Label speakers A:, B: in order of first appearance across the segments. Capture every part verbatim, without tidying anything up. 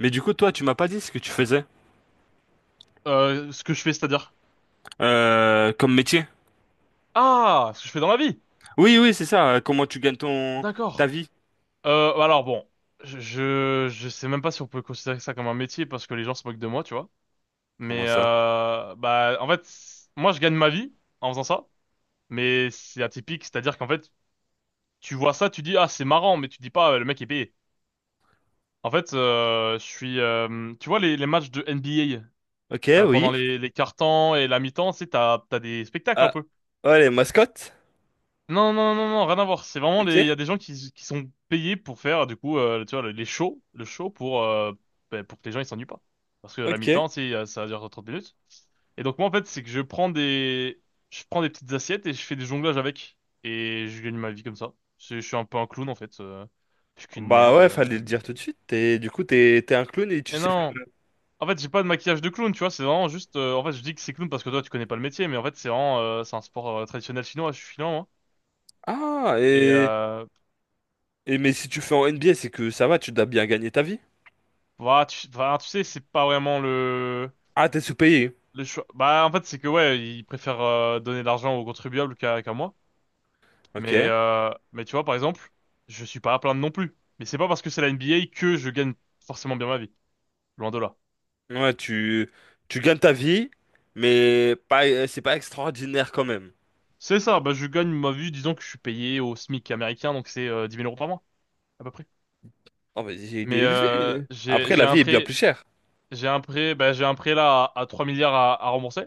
A: Mais du coup, toi, tu m'as pas dit ce que tu faisais
B: Euh, ce que je fais, c'est-à-dire?
A: euh, comme métier.
B: Ah, ce que je fais dans la vie.
A: Oui, oui, c'est ça. euh, Comment tu gagnes ton ta
B: D'accord.
A: vie?
B: Euh, alors bon, je, je je sais même pas si on peut considérer ça comme un métier parce que les gens se moquent de moi, tu vois.
A: Comment
B: Mais
A: ça?
B: euh, bah en fait, c- moi je gagne ma vie en faisant ça, mais c'est atypique, c'est-à-dire qu'en fait, tu vois ça, tu dis ah c'est marrant, mais tu dis pas euh, le mec est payé. En fait, euh, je suis, euh, tu vois les les matchs de
A: Ok,
B: N B A euh, pendant
A: oui.
B: les les quarts-temps et la mi-temps, c'est t'as t'as des spectacles un
A: Ah,
B: peu.
A: ouais, les mascottes.
B: Non, non, non, non, rien à voir. C'est vraiment les, il
A: Ok,
B: y a des gens qui, qui sont payés pour faire, du coup, euh, tu vois, les shows, le show pour, euh, ben, pour que les gens ils s'ennuient pas. Parce que la
A: ok.
B: mi-temps, c'est, euh, ça dure trente minutes. Et donc, moi, en fait, c'est que je prends des, je prends des petites assiettes et je fais des jonglages avec. Et je gagne ma vie comme ça. Je, je suis un peu un clown, en fait. euh, je suis qu'une
A: Bah
B: merde.
A: ouais,
B: euh,
A: fallait le dire
B: mais-
A: tout de suite. Et du coup, t'es t'es un clown et tu
B: Et
A: sais faire.
B: non! En fait, j'ai pas de maquillage de clown, tu vois, c'est vraiment juste, euh, en fait, je dis que c'est clown parce que toi, tu connais pas le métier, mais en fait, c'est vraiment, euh, c'est un sport euh, traditionnel chinois, je suis chinois, moi.
A: Ah,
B: Et,
A: et,
B: euh,
A: et mais si tu fais en N B A, c'est que ça va, tu dois bien gagner ta vie.
B: Bah, tu, bah, tu sais, c'est pas vraiment le,
A: Ah, t'es sous-payé.
B: le choix. Bah, en fait, c'est que, ouais, ils préfèrent euh, donner de l'argent aux contribuables qu'à qu'à moi. Mais,
A: Ok.
B: euh, mais tu vois, par exemple, je suis pas à plaindre non plus. Mais c'est pas parce que c'est la N B A que je gagne forcément bien ma vie. Loin de là.
A: Ouais, tu tu gagnes ta vie, mais pas euh, c'est pas extraordinaire quand même.
B: C'est ça, bah, je gagne ma vie, disons que je suis payé au SMIC américain, donc c'est euh, dix mille euros par mois, à peu près.
A: Oh, mais il est
B: Mais euh,
A: élevé.
B: j'ai,
A: Après,
B: j'ai
A: la
B: un
A: vie est bien
B: prêt,
A: plus chère.
B: j'ai un prêt, bah, j'ai un prêt là à, à trois milliards à, à rembourser.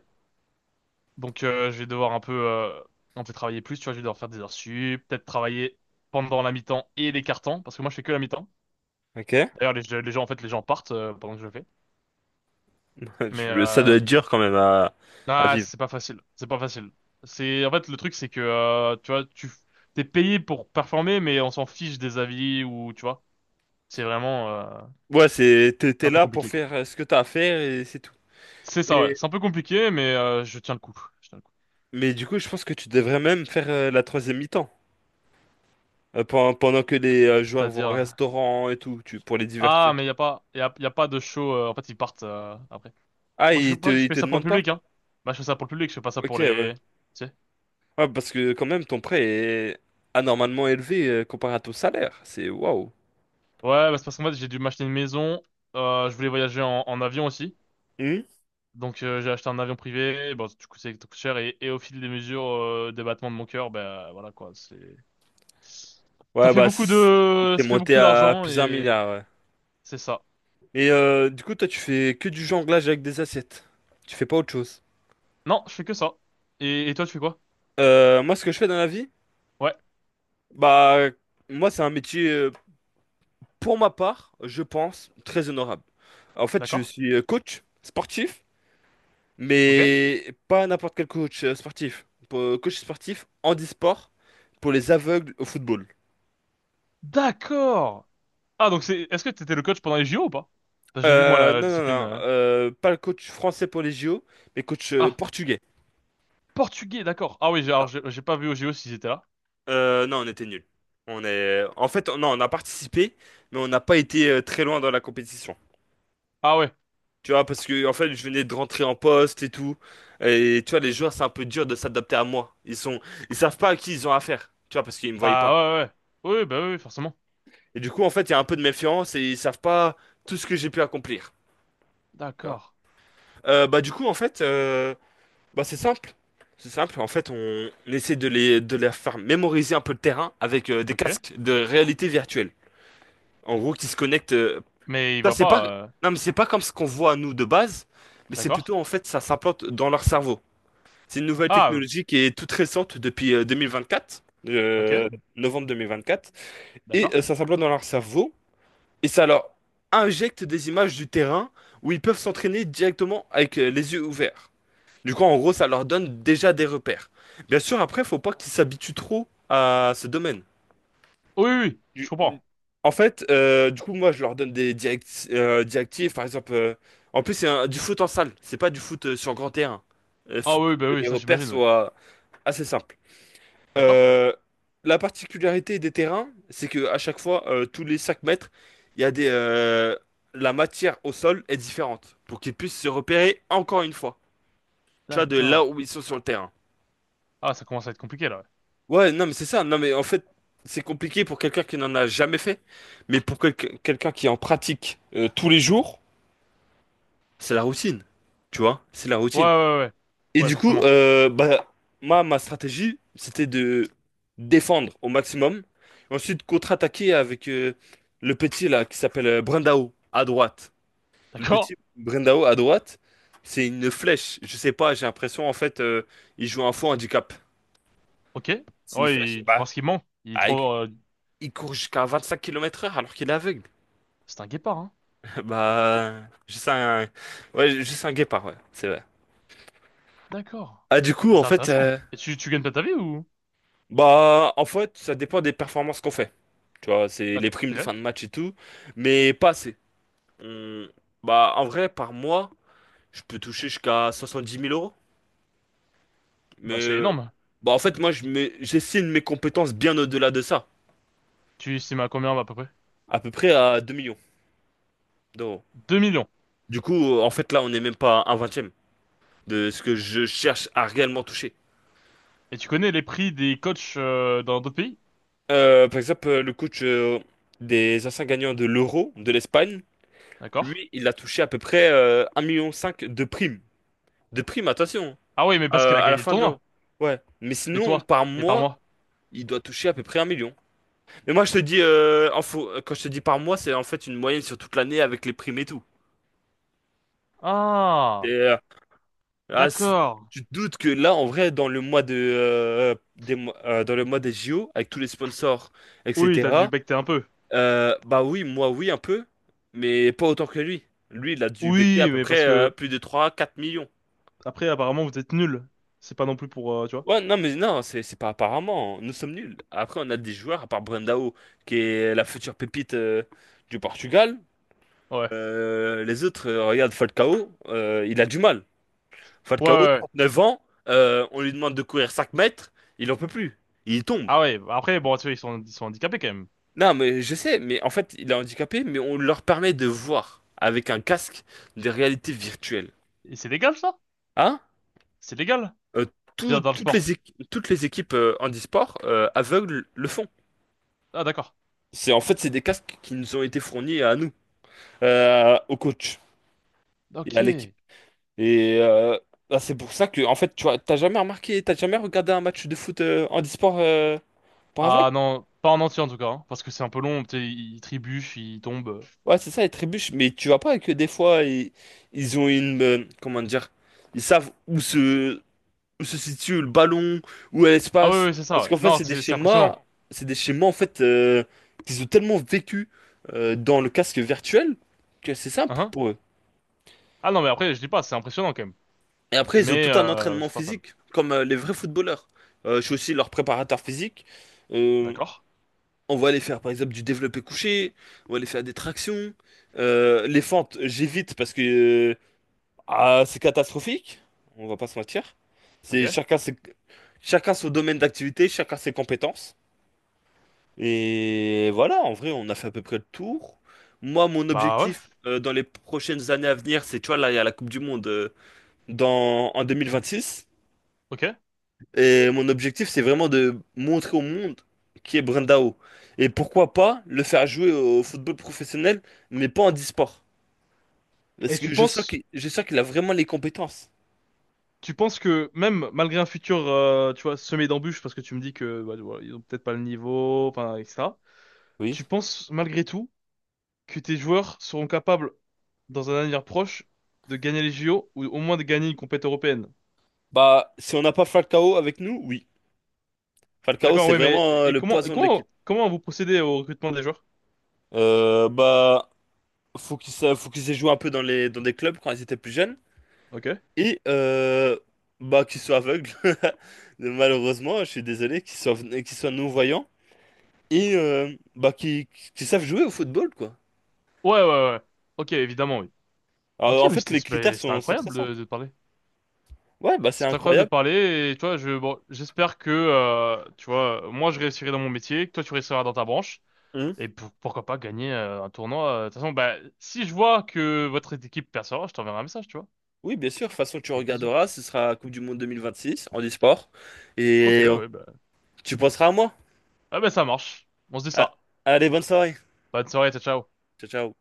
B: Donc euh, je vais devoir un peu, euh, un peu travailler plus, tu vois, je vais devoir faire des heures sup, peut-être travailler pendant la mi-temps et les cartons, parce que moi je fais que la mi-temps.
A: Ok.
B: D'ailleurs les, les gens en fait les gens partent euh, pendant que je le fais. Mais
A: Je- Ça doit
B: euh,
A: être dur quand même à, à
B: ah
A: vivre.
B: c'est pas facile, c'est pas facile. C'est en fait le truc c'est que euh, tu vois tu t'es payé pour performer mais on s'en fiche des avis ou tu vois c'est vraiment euh,
A: Ouais, c'est, t'es,
B: c'est
A: t'es
B: un peu
A: là pour
B: compliqué quoi.
A: faire euh, ce que t'as à faire et c'est tout.
B: C'est ça ouais,
A: Mais,
B: c'est un peu compliqué mais euh, je tiens le coup, je tiens le coup.
A: mais du coup, je pense que tu devrais même faire euh, la troisième mi-temps. Euh, pen- pendant que les euh, joueurs vont au
B: C'est-à-dire
A: restaurant et tout, tu, pour les divertir.
B: ah mais y a pas y a, y a pas de show euh, en fait ils partent euh, après.
A: Ah,
B: Moi, je fais
A: ils te,
B: pas, je
A: ils
B: fais
A: te
B: ça pour le
A: demandent pas?
B: public, hein. Moi, je fais ça pour le public, je fais pas ça
A: Ok,
B: pour
A: ouais.
B: les... Tu sais.
A: Ouais, parce que quand même, ton prêt est anormalement élevé euh, comparé à ton salaire. C'est waouh.
B: Ouais, bah, c'est parce qu'en fait, j'ai dû m'acheter une maison. Euh, je voulais voyager en, en avion aussi.
A: Hmm.
B: Donc, euh, j'ai acheté un avion privé. Bon, du coup, ça coûte cher. Et, et au fil des mesures, euh, des battements de mon cœur, bah, voilà, quoi. C'est... Ça
A: Ouais,
B: fait
A: bah,
B: beaucoup
A: c'est
B: de...
A: c'est
B: Ça fait
A: monté
B: beaucoup
A: à
B: d'argent
A: plusieurs
B: et...
A: milliards, ouais.
B: C'est ça.
A: Et euh, du coup, toi, tu fais que du jonglage avec des assiettes. Tu fais pas autre chose.
B: Non, je fais que ça. Et, et toi, tu fais quoi?
A: Euh, moi, ce que je fais dans la vie,
B: Ouais,
A: bah, moi, c'est un métier, euh, pour ma part, je pense, très honorable. En fait, je
B: d'accord.
A: suis euh, coach sportif,
B: Ok.
A: mais pas n'importe quel coach euh, sportif. Po- Coach sportif handisport pour les aveugles au football.
B: D'accord! Ah, donc c'est... Est-ce que t'étais le coach pendant les J O ou pas? Parce que J'ai vu, moi,
A: Euh,
B: la
A: non, non,
B: discipline...
A: non,
B: euh,
A: euh, pas le coach français pour les J O, mais coach euh,
B: Ah.
A: portugais.
B: Portugais, d'accord. Ah oui, j'ai- alors
A: Ça.
B: j'ai j'ai pas vu au J O s'ils étaient là.
A: Euh, non, on était nuls. On est... En fait, on- non, on a participé, mais on n'a pas été euh, très loin dans la compétition.
B: Ah ouais.
A: Tu vois, parce que en fait, je venais de rentrer en poste et tout. Et tu vois, les joueurs, c'est un peu dur de s'adapter à moi. Ils sont, ils savent pas à qui ils ont affaire. Tu vois, parce qu'ils me voyaient
B: Bah
A: pas.
B: ouais, ouais. Ouais. Oui, oui, bah oui, oui, forcément.
A: Et du coup, en fait, il y a un peu de méfiance et ils savent pas tout ce que j'ai pu accomplir. Tu vois.
B: D'accord.
A: Euh, bah, du coup, en fait, euh, bah, c'est simple. C'est simple. En fait, on, on essaie de les, de les faire mémoriser un peu le terrain avec euh, des
B: Ok.
A: casques de réalité virtuelle. En gros, qui se connectent. euh,
B: Mais il
A: Ça,
B: voit
A: c'est pas,
B: pas. euh,
A: non, mais c'est pas comme ce qu'on voit nous de base, mais c'est
B: D'accord.
A: plutôt en fait, ça s'implante dans leur cerveau. C'est une nouvelle
B: Ah, euh,
A: technologie qui est toute récente depuis euh, deux mille vingt-quatre,
B: ok.
A: euh, novembre deux mille vingt-quatre, et euh,
B: D'accord.
A: ça s'implante dans leur cerveau, et ça leur injecte des images du terrain où ils peuvent s'entraîner directement avec euh, les yeux ouverts. Du coup, en gros, ça leur donne déjà des repères. Bien sûr, après, faut pas qu'ils s'habituent trop à ce domaine.
B: Oui, oui, oui, je
A: Du-
B: comprends.
A: En fait, euh, du coup, moi, je leur donne des direct- euh, directives, par exemple. Euh, en plus, c'est un- du foot en salle, c'est pas du foot euh, sur grand terrain. Il faut
B: Ah oui, bah
A: que
B: oui,
A: les
B: ça
A: repères
B: j'imagine, oui.
A: soient assez simples.
B: D'accord.
A: Euh, la particularité des terrains, c'est que à chaque fois, euh, tous les cinq mètres, il y a des, euh, la matière au sol est différente pour qu'ils puissent se repérer encore une fois. Tu vois, de là
B: D'accord.
A: où ils sont sur le terrain.
B: Ah, ça commence à être compliqué là.
A: Ouais, non, mais c'est ça. Non, mais en fait, c'est compliqué pour quelqu'un qui n'en a jamais fait, mais pour quel- quelqu'un qui en pratique euh, tous les jours, c'est la routine. Tu vois, c'est la
B: Ouais, ouais,
A: routine.
B: ouais. Ouais, ouais,
A: Et
B: ouais,
A: du coup,
B: forcément.
A: euh, bah, moi, ma stratégie, c'était de défendre au maximum. Ensuite, contre-attaquer avec euh, le petit là qui s'appelle euh, Brendao à droite. Le
B: D'accord.
A: petit Brendao à droite, c'est une flèche. Je sais pas, j'ai l'impression en fait, euh, il joue un faux handicap.
B: Ok.
A: C'est une
B: Ouais,
A: flèche.
B: il- tu
A: Bah,
B: penses qu'il ment? Il est
A: ah, il
B: trop. euh,
A: il court jusqu'à vingt-cinq kilomètres heure alors qu'il est aveugle.
B: C'est un guépard, hein.
A: Bah, juste un, ouais, juste un guépard, ouais, c'est vrai.
B: D'accord.
A: Ah, du coup, en
B: C'est
A: fait,
B: intéressant.
A: euh,
B: Et tu, tu gagnes pas ta vie ou?
A: bah, En fait, ça dépend des performances qu'on fait. Tu vois, c'est
B: Ok.
A: les primes de
B: Ok.
A: fin de match et tout, mais pas assez. On- Bah, en vrai, par mois, je peux toucher jusqu'à soixante-dix mille euros.
B: Bah
A: Mais
B: c'est
A: euh,
B: énorme.
A: bah, en fait, moi, je mets- j'estime mes compétences bien au-delà de ça,
B: Tu estimes à combien à peu près?
A: à peu près à deux millions d'euros.
B: Deux millions.
A: Du coup, euh, en fait, là, on n'est même pas à un vingtième de ce que je cherche à réellement toucher.
B: Et tu connais les prix des coachs euh, dans d'autres pays?
A: Euh, par exemple, euh, le coach euh, des anciens gagnants de l'Euro de l'Espagne,
B: D'accord.
A: lui, il a touché à peu près un virgule cinq million de primes. De primes, attention.
B: Ah oui, mais parce qu'elle
A: Euh,
B: a
A: à la
B: gagné le
A: fin de l'eau.
B: tournoi.
A: Ouais. Mais
B: Mais
A: sinon,
B: toi,
A: par
B: mais pas
A: mois,
B: moi.
A: il doit toucher à peu près un million. Mais moi, je te dis, euh, en faux- quand je te dis par mois, c'est en fait une moyenne sur toute l'année avec les primes et tout. Et,
B: Ah,
A: euh, ah, c'est-
B: d'accord.
A: Tu te doutes que là, en vrai, dans le mois de, euh, des, mois- euh, dans le mois des J O, avec tous les sponsors,
B: Oui, t'as dû
A: et cetera,
B: becter un peu.
A: euh, bah oui, moi, oui, un peu, mais pas autant que lui. Lui, il a dû becquer à
B: Oui,
A: peu
B: mais
A: près
B: parce
A: euh,
B: que
A: plus de trois quatre millions.
B: après, apparemment, vous êtes nuls. C'est pas non plus pour, euh, tu vois.
A: Ouais, non, mais non, c'est c'est pas apparemment. Hein. Nous sommes nuls. Après, on a des joueurs, à part Brandao, qui est la future pépite euh, du Portugal.
B: Ouais.
A: Euh, les autres, euh, regarde Falcao, euh, il a du mal.
B: Ouais, ouais.
A: Falcao,
B: Ouais.
A: trente neuf ans, euh, on lui demande de courir cinq mètres, il en peut plus. Il tombe.
B: Ah ouais. Bah après, bon, tu vois, ils sont, ils sont handicapés quand même.
A: Non, mais je sais, mais en fait, il est handicapé, mais on leur permet de voir avec un casque des réalités virtuelles.
B: Et c'est légal ça?
A: Hein?
B: C'est légal?
A: Euh,
B: Je veux
A: tout-
B: dire, dans le
A: toutes les
B: sport.
A: équi- Toutes les équipes euh, handisport euh, aveugles le font.
B: Ah d'accord.
A: C'est en fait c'est des casques qui nous ont été fournis à nous, euh, au coach et
B: Ok.
A: à l'équipe. Et euh, bah, c'est pour ça que en fait tu vois, t'as jamais remarqué, t'as jamais regardé un match de foot euh, handisport euh, pour aveugle?
B: Ah non, pas en entier en tout cas, hein, parce que c'est un peu long, tu sais, Ils ils trébuchent, ils tombent.
A: Ouais, c'est ça, les trébuches. Mais tu vois pas que des fois ils, ils ont une euh, comment dire, ils savent où se où se situe le ballon, où est
B: Ah oui,
A: l'espace.
B: oui, c'est ça.
A: Parce
B: Ouais.
A: qu'en fait
B: Non,
A: c'est des
B: c'est c'est impressionnant.
A: schémas, c'est des schémas en fait euh, qu'ils ont tellement vécu euh, dans le casque virtuel que c'est simple
B: Uh-huh.
A: pour eux.
B: Ah non, mais après, je dis pas, c'est impressionnant quand même.
A: Et après, ils ont
B: Mais
A: tout un
B: euh, je
A: entraînement
B: suis pas fan.
A: physique, comme euh, les vrais footballeurs. Euh, je suis aussi leur préparateur physique. Euh,
B: D'accord.
A: on va aller faire, par exemple, du développé couché, on va aller faire des tractions. Euh, les fentes, j'évite parce que euh, ah, c'est catastrophique, on va pas se mentir.
B: Ok.
A: C'est chacun ses, Chacun son domaine d'activité, chacun ses compétences. Et voilà, en vrai, on a fait à peu près le tour. Moi, mon
B: Bah ouais.
A: objectif euh, dans les prochaines années à venir, c'est, tu vois, là, il y a la Coupe du Monde euh, dans, en deux mille vingt-six.
B: Ok.
A: Et mon objectif, c'est vraiment de montrer au monde qui est Brandao. Et pourquoi pas le faire jouer au football professionnel, mais pas en e-sport.
B: Et
A: Parce
B: tu
A: que je sens
B: penses,
A: qu'il, je sens qu'il a vraiment les compétences.
B: tu penses que même malgré un futur, euh, tu vois, semé d'embûches, parce que tu me dis que bah, tu vois, ils ont peut-être pas le niveau, enfin, et etc.
A: Oui.
B: Tu penses malgré tout que tes joueurs seront capables, dans un avenir proche, de gagner les J O ou au moins de gagner une compétition européenne?
A: Bah, si on n'a pas Falcao avec nous, oui. Falcao,
B: D'accord,
A: c'est
B: oui, mais
A: vraiment euh,
B: et
A: le
B: comment, et
A: poison de l'équipe.
B: comment, comment vous procédez au recrutement des joueurs?
A: Euh, bah, faut qu'il sa- faut qu'ils aient joué un peu dans les, dans des clubs quand ils étaient plus jeunes.
B: Ok. Ouais,
A: Et euh, bah, qu'ils soient aveugles. Malheureusement, je suis désolé, qu'ils soient, qu'ils soient non-voyants. Et euh, bah, qui, qui savent jouer au football, quoi.
B: ouais, ouais. Ok, évidemment, oui. Ok,
A: Alors, en
B: mais
A: fait,
B: c'était
A: les critères
B: mais c'était
A: sont, sont très
B: incroyable de,
A: simples.
B: de te parler.
A: Ouais, bah c'est
B: C'est incroyable de
A: incroyable.
B: parler et toi, je bon, j'espère que euh, tu vois, moi je réussirai dans mon métier, que toi tu réussiras dans ta branche
A: Hum.
B: et pour- pourquoi pas gagner euh, un tournoi. euh, De toute façon, bah si je vois que votre équipe percevra, je t'enverrai un message, tu vois.
A: Oui, bien sûr. De toute façon, tu
B: Avec plaisir.
A: regarderas, ce sera Coupe du Monde deux mille vingt-six en e-sport.
B: Ok,
A: Et euh,
B: ouais, bah
A: tu penseras à moi.
B: ah bah ça marche. On se dit
A: Ah,
B: ça.
A: allez, bonne soirée.
B: Bonne soirée, ciao, ciao.
A: Ciao, ciao.